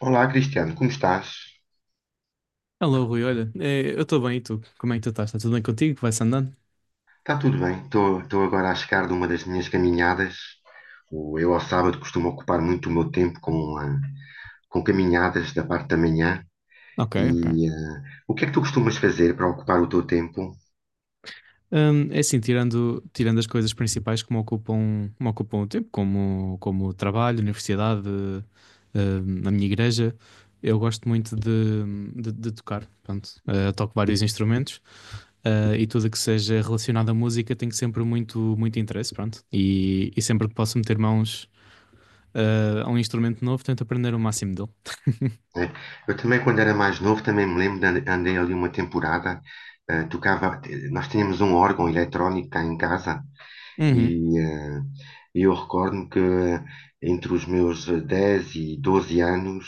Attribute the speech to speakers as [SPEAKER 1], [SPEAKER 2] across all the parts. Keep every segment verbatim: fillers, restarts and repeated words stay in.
[SPEAKER 1] Olá, Cristiano, como estás?
[SPEAKER 2] Alô, Rui, olha, eh, eu estou bem, e tu? Como é que tu estás? Está tudo bem contigo? Vai-se andando?
[SPEAKER 1] Está tudo bem, estou agora a chegar de uma das minhas caminhadas. O- Eu, ao sábado, costumo ocupar muito o meu tempo com, ah, com caminhadas da parte da manhã.
[SPEAKER 2] Ok, ok.
[SPEAKER 1] E ah, o que é que tu costumas fazer para ocupar o teu tempo?
[SPEAKER 2] Hum, é assim, tirando, tirando as coisas principais que me ocupam, me ocupam o tempo, como, como o trabalho, universidade, hum, a minha igreja. Eu gosto muito de, de, de tocar, pronto. Eh, toco vários instrumentos, eh, e tudo que seja relacionado à música tenho sempre muito, muito interesse, pronto. E, e sempre que posso meter mãos, eh, a um instrumento novo, tento aprender o máximo dele.
[SPEAKER 1] Né? Eu também, quando era mais novo, também me lembro de ande- andei ali uma temporada. Ah, tocava, nós tínhamos um órgão eletrónico cá em casa.
[SPEAKER 2] Uhum,
[SPEAKER 1] E eh, eu recordo-me que entre os meus eh, dez e doze anos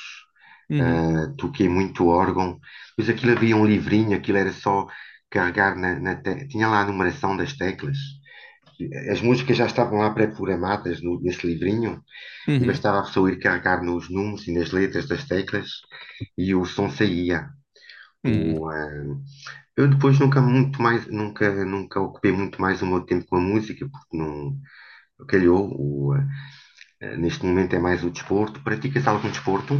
[SPEAKER 2] uhum,
[SPEAKER 1] eh, toquei muito órgão, pois aquilo havia um livrinho, aquilo era só carregar na, na te- tinha lá a numeração das teclas. As músicas já estavam lá pré-programadas no- nesse livrinho e
[SPEAKER 2] uhum,
[SPEAKER 1] bastava a pessoa ir carregar nos números e nas letras das teclas e o som saía.
[SPEAKER 2] uhum.
[SPEAKER 1] O, eh, eu depois nunca muito mais, nunca, nunca ocupei muito mais o meu tempo com a música, porque não, calhou. O, eh, eh, neste momento é mais o desporto. Pratica-se algum desporto?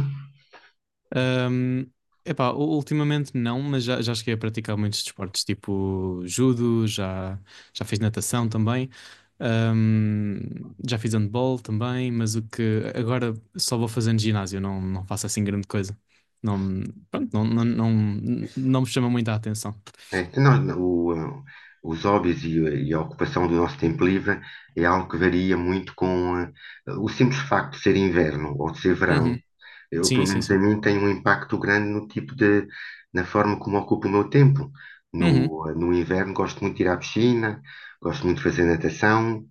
[SPEAKER 2] Ahm, Epá, u- ultimamente não, mas já, já cheguei a praticar muitos desportos, tipo judo. Já, já fiz natação também, ahm, já fiz handball também. Mas o que agora, só vou fazendo ginásio, não, não faço assim grande coisa. Não, pronto, não, não, não, não me chama muito a atenção.
[SPEAKER 1] É, nós- o, eh, os hobbies e, eh, e a ocupação do nosso tempo livre é algo que varia muito com eh, o simples facto de ser inverno ou de ser verão.
[SPEAKER 2] Uhum.
[SPEAKER 1] Eu,
[SPEAKER 2] Sim,
[SPEAKER 1] pelo
[SPEAKER 2] sim,
[SPEAKER 1] menos a
[SPEAKER 2] sim.
[SPEAKER 1] mim, tem um impacto grande no tipo de, na forma como ocupo o meu tempo.
[SPEAKER 2] Uhum.
[SPEAKER 1] No, eh, no inverno gosto muito de ir à piscina, gosto muito de fazer natação.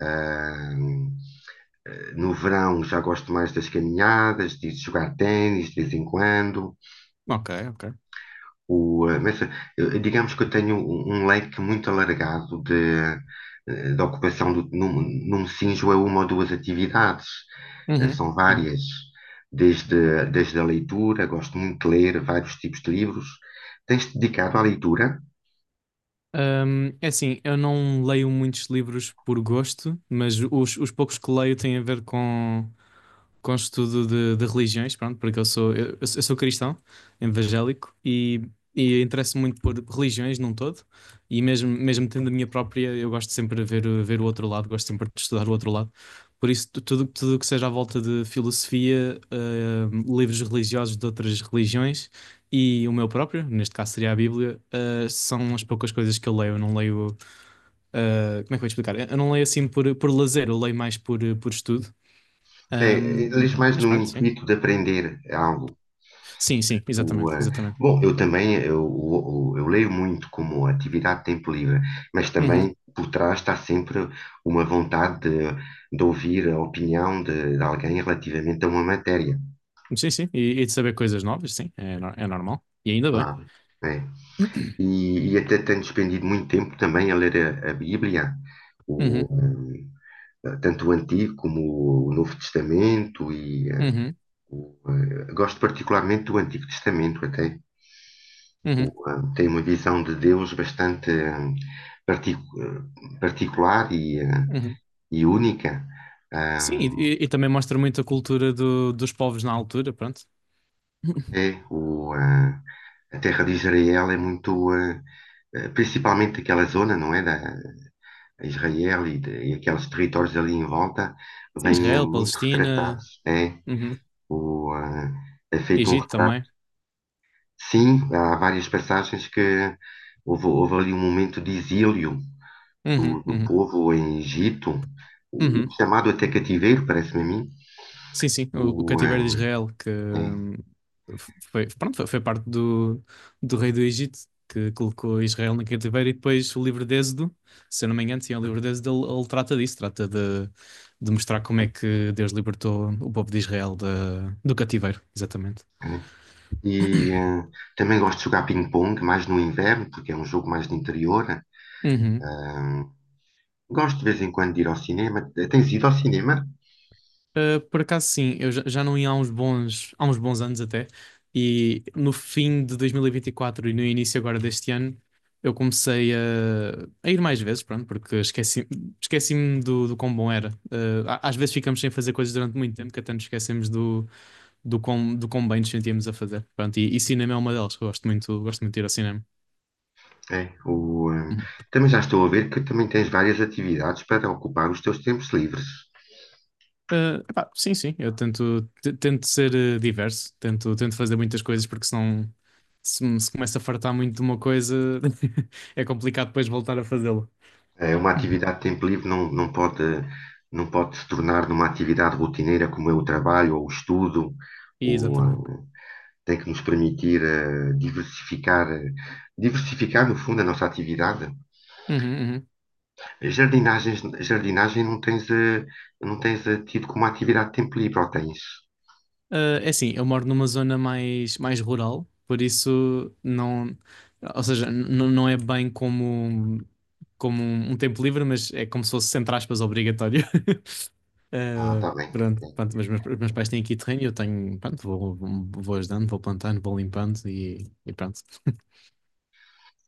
[SPEAKER 1] ah, No verão já gosto mais das caminhadas, de jogar ténis de vez em quando.
[SPEAKER 2] Ok, ok.
[SPEAKER 1] O, eh, mas eh, digamos que eu tenho um um leque muito alargado de, eh, de ocupação do, num, num Sinjo é uma ou duas atividades, eh,
[SPEAKER 2] Uhum.
[SPEAKER 1] são
[SPEAKER 2] Uhum.
[SPEAKER 1] várias. Desde, desde a leitura, gosto muito de ler vários tipos de livros. Tens-te dedicado à leitura?
[SPEAKER 2] Hum, é assim, eu não leio muitos livros por gosto, mas os, os poucos que leio têm a ver com, com estudo de, de religiões, pronto. Porque eu sou, eu, eu sou eu sou cristão, evangélico, e, e interesso-me muito por religiões num todo. E mesmo, mesmo tendo a minha própria, eu gosto sempre de ver, o- ver o outro lado, gosto sempre de estudar o outro lado. Por isso, tu- tudo, tudo o que seja à volta de filosofia, hum, livros religiosos de outras religiões, e o meu próprio, neste caso seria a Bíblia, ah, são as poucas coisas que eu leio. Eu não leio. Ah, como é que eu vou explicar? Eu não leio assim por, por lazer, eu leio mais por, eh, por estudo. Ahm,
[SPEAKER 1] Eh, eh, lês mais
[SPEAKER 2] mas
[SPEAKER 1] no
[SPEAKER 2] pronto, sim.
[SPEAKER 1] intuito de aprender algo?
[SPEAKER 2] Sim, sim,
[SPEAKER 1] O,
[SPEAKER 2] exatamente,
[SPEAKER 1] eh,
[SPEAKER 2] exatamente.
[SPEAKER 1] Bom, eu também eu, o- eu leio muito como atividade de tempo livre, mas
[SPEAKER 2] Uhum.
[SPEAKER 1] também por trás está sempre uma vontade de, de ouvir a opinião de, de alguém relativamente a uma matéria,
[SPEAKER 2] Sim, sim. E, e de saber coisas novas, sim, é, nor- é normal. E ainda bem.
[SPEAKER 1] claro. É e, e até tenho despendido muito tempo também a ler a, a Bíblia, o,
[SPEAKER 2] Uhum,
[SPEAKER 1] eh, tanto o Antigo como o Novo Testamento, e eh,
[SPEAKER 2] uhum,
[SPEAKER 1] o, eh, gosto particularmente do Antigo Testamento até. O,
[SPEAKER 2] uhum,
[SPEAKER 1] eh, tem uma visão de Deus bastante eh, particu- eh, particular e, eh,
[SPEAKER 2] uhum.
[SPEAKER 1] e única.
[SPEAKER 2] Sim, e,
[SPEAKER 1] Ah,
[SPEAKER 2] e- e também mostra muito a cultura do- dos povos na altura, pronto.
[SPEAKER 1] é o, ah, a terra de Israel é muito, ah, eh, principalmente aquela zona, não é? Da, Israel e, de- e aqueles territórios ali em volta,
[SPEAKER 2] Sim,
[SPEAKER 1] vêm eh,
[SPEAKER 2] Israel,
[SPEAKER 1] muito
[SPEAKER 2] Palestina,
[SPEAKER 1] retratados. É,
[SPEAKER 2] uhum.
[SPEAKER 1] o, ah, É feito um
[SPEAKER 2] Egito
[SPEAKER 1] retrato.
[SPEAKER 2] também.
[SPEAKER 1] Sim, há várias passagens que houve, houve ali um momento de exílio
[SPEAKER 2] Uhum,
[SPEAKER 1] do, do
[SPEAKER 2] uhum,
[SPEAKER 1] povo em Egito, o
[SPEAKER 2] uhum.
[SPEAKER 1] chamado até cativeiro, parece-me a mim.
[SPEAKER 2] Sim, sim, o, o
[SPEAKER 1] O, ah,
[SPEAKER 2] cativeiro de Israel, que
[SPEAKER 1] é,
[SPEAKER 2] hum, foi, pronto, foi, foi parte do, do rei do Egito, que colocou Israel no cativeiro. E depois, o livro de Êxodo, se eu não me engano, sim, é o livro de Êxodo, ele, ele trata disso. Trata de, de mostrar como é que Deus libertou o povo de Israel da- do cativeiro, exatamente.
[SPEAKER 1] É. E ah, também gosto de jogar ping-pong, mais no inverno, porque é um jogo mais de interior.
[SPEAKER 2] Uhum.
[SPEAKER 1] Ah, Gosto de vez em quando de ir ao cinema. Tens ido ao cinema?
[SPEAKER 2] Uh, por acaso sim, eu já, já não ia há uns bons, há uns bons anos até, e no fim de dois mil e vinte e quatro e vinte e quatro e no início agora deste ano, eu comecei a, a ir mais vezes, pronto, porque esqueci, esqueci-me do, do quão bom era. Uh, a- às vezes, ficamos sem fazer coisas durante muito tempo que até nos esquecemos do, do quão, do quão bem nos sentíamos a fazer. Pronto, e, e cinema é uma delas, eu gosto muito, gosto muito de ir ao cinema.
[SPEAKER 1] É, o, eh,
[SPEAKER 2] Uhum.
[SPEAKER 1] Também já estou a ver que também tens várias atividades para ocupar os teus tempos livres.
[SPEAKER 2] Eh, epá, sim, sim, eu tento, te- tento ser eh, diverso, tento, tento fazer muitas coisas, porque senão, se, me- se começa a fartar muito de uma coisa, é complicado depois voltar a fazê-lo.
[SPEAKER 1] É, uma atividade de tempo livre não, não pode, não pode se tornar numa atividade rotineira como é o trabalho ou o estudo,
[SPEAKER 2] E,
[SPEAKER 1] ou, eh,
[SPEAKER 2] exatamente.
[SPEAKER 1] tem que nos permitir eh, diversificar, eh, diversificar no fundo a nossa atividade.
[SPEAKER 2] Uhum, uhum.
[SPEAKER 1] Jardinagens, jardinagem não tens, eh, não tens eh, tido como atividade de tempo livre, ou tens?
[SPEAKER 2] Eh, é assim, eu moro numa zona mais, mais rural, por isso não, ou seja, n- não é bem como, como, um tempo livre, mas é como se fosse, entre aspas, obrigatório.
[SPEAKER 1] Ah,
[SPEAKER 2] Eh,
[SPEAKER 1] está bem.
[SPEAKER 2] Pronto,
[SPEAKER 1] Ok.
[SPEAKER 2] pronto, mas meus, meus pais têm aqui terreno, e eu tenho, pronto, vou, vou ajudando, vou plantando, vou limpando, e, e pronto.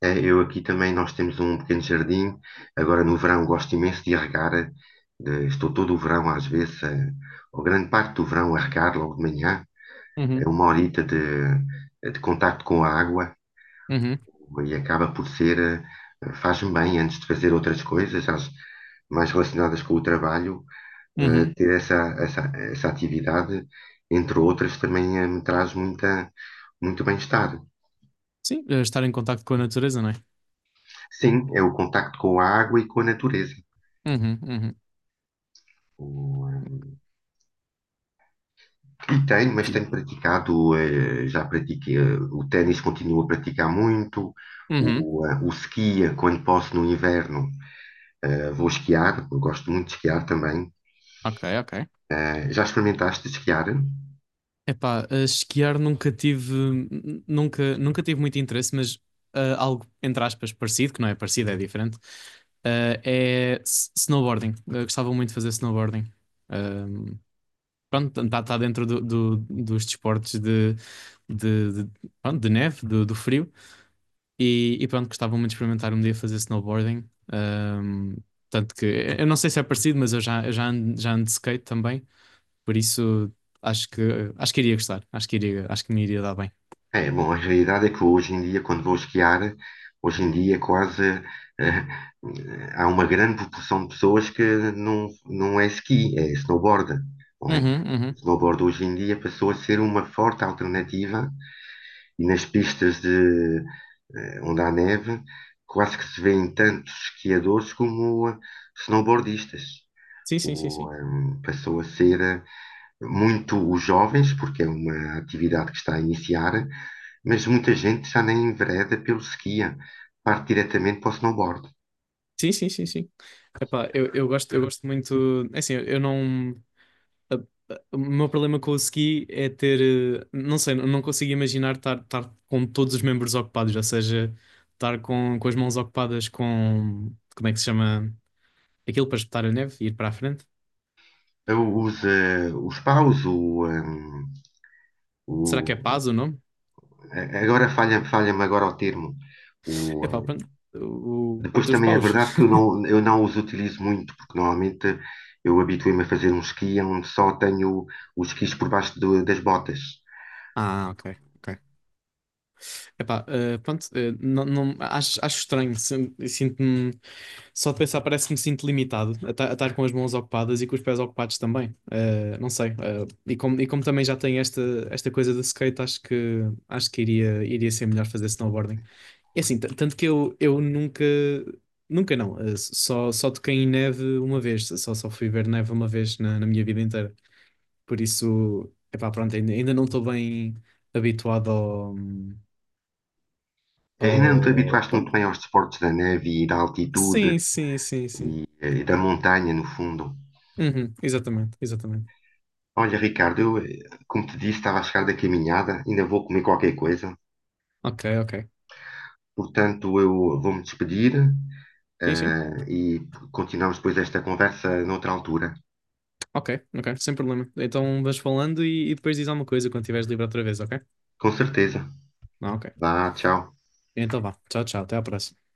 [SPEAKER 1] É, eu aqui também, nós temos um pequeno jardim. Agora no verão gosto imenso de regar. Eh, estou todo o verão, às vezes, eh, ou grande parte do verão, a regar logo de manhã. É
[SPEAKER 2] Uhum,
[SPEAKER 1] uma horita de, de contacto com a água
[SPEAKER 2] uhum,
[SPEAKER 1] e acaba por ser, eh, faz-me bem antes de fazer outras coisas, às- mais relacionadas com o trabalho. eh,
[SPEAKER 2] uhum.
[SPEAKER 1] Ter essa, essa, essa atividade, entre outras, também eh, me traz muita, muito bem-estar.
[SPEAKER 2] Sim, eh, estar em contacto com a natureza, não é?
[SPEAKER 1] Sim, é o contacto com a água e com a natureza.
[SPEAKER 2] Uhum, uhum.
[SPEAKER 1] eh, E tenho, mas
[SPEAKER 2] Ti-
[SPEAKER 1] tenho praticado, eh, já pratiquei, eh, o ténis continuo a praticar muito,
[SPEAKER 2] Uhum,
[SPEAKER 1] o, eh, o ski, eh, quando posso no inverno, eh, vou esquiar, eu gosto muito de esquiar também.
[SPEAKER 2] ok, ok.
[SPEAKER 1] Eh, já experimentaste esquiar?
[SPEAKER 2] Epá, eh, esquiar nunca tive, n- nunca, nunca tive muito interesse. Mas eh, algo, entre aspas, parecido, que não é parecido, é diferente, eh, é s- snowboarding. Eu gostava muito de fazer snowboarding. Ah, pronto, está tá dentro do, do- dos desportos, de, de, de- pronto, de neve, do, do frio. E, e pronto, gostava muito de experimentar um dia fazer snowboarding. Ahm, tanto que, eu não sei se é parecido, mas eu já, eu já ando, já ando de skate também. Por isso, acho que, acho que iria gostar. Acho que iria, acho que me iria dar bem.
[SPEAKER 1] É, bom, a realidade é que hoje em dia, quando vou esquiar, hoje em dia quase eh, eh, há uma grande proporção de pessoas que não, não é ski, é snowboard, não é?
[SPEAKER 2] Uhum,
[SPEAKER 1] O
[SPEAKER 2] uhum.
[SPEAKER 1] snowboard hoje em dia passou a ser uma forte alternativa. E nas pistas de, eh, onde há neve, quase que se vêem tantos esquiadores como eh, snowboardistas.
[SPEAKER 2] Sim, sim, sim,
[SPEAKER 1] O,
[SPEAKER 2] sim.
[SPEAKER 1] ehm, passou a ser eh, muito os jovens, porque é uma atividade que está a iniciar, mas muita gente já nem envereda pelo skia, parte diretamente para o snowboard.
[SPEAKER 2] Sim, sim, sim, sim. Epá, eu, eu gosto, eu gosto muito. É assim, eu não. a- a- O meu problema com o ski é ter, eh, não sei, não consigo imaginar estar, estar com todos os membros ocupados. Ou seja, estar com, com as mãos ocupadas com, como é que se chama, aquilo para espetar a neve e ir para a frente.
[SPEAKER 1] Usa os eh, os paus, o, ehm,
[SPEAKER 2] Será que é
[SPEAKER 1] o-
[SPEAKER 2] paz o nome?
[SPEAKER 1] a- agora falha, falha-me agora o termo,
[SPEAKER 2] Epá,
[SPEAKER 1] o.
[SPEAKER 2] pronto, o, o-
[SPEAKER 1] Depois
[SPEAKER 2] pronto, os
[SPEAKER 1] também é
[SPEAKER 2] paus.
[SPEAKER 1] verdade que eu não, eu não os utilizo muito, porque normalmente eu habituei-me a fazer um esqui onde só tenho os esquis por baixo do- das botas.
[SPEAKER 2] Ah, ok, ok. Epá, eh, pronto, eh, não, não, acho, acho estranho, sin- sinto-me só de pensar, parece que me sinto limitado a ta- a estar com as mãos ocupadas e com os pés ocupados também. Eh, não sei. eh, e como, e como também já tenho esta, esta coisa do skate, acho que, acho que iria, iria ser melhor fazer snowboarding. É assim, tan- tanto que eu, eu nunca, nunca não, eh, só, só toquei em neve uma vez, só, só fui ver neve uma vez na, na minha vida inteira. Por isso, epá, pronto, ainda, ainda não estou bem habituado ao,
[SPEAKER 1] Ainda não te
[SPEAKER 2] ao...
[SPEAKER 1] habituaste muito
[SPEAKER 2] pronto.
[SPEAKER 1] bem aos desportos da neve e da altitude
[SPEAKER 2] Sim, sim, sim, sim.
[SPEAKER 1] e, eh, da montanha, no fundo.
[SPEAKER 2] Uhum, exatamente, exatamente.
[SPEAKER 1] Olha, Ricardo, eu, eh, como te disse, estava a chegar da caminhada, ainda vou comer qualquer coisa,
[SPEAKER 2] Ok, ok.
[SPEAKER 1] portanto eu vou-me despedir,
[SPEAKER 2] Sim, sim.
[SPEAKER 1] eh, e continuamos depois esta conversa noutra altura.
[SPEAKER 2] Ok, ok, sem problema. Então vais falando e, e depois diz alguma coisa quando estiveres livre outra vez, ok?
[SPEAKER 1] Com certeza.
[SPEAKER 2] Ah, ok.
[SPEAKER 1] Vá, tchau.
[SPEAKER 2] Então vá. Tchau, tchau. Até à próxima.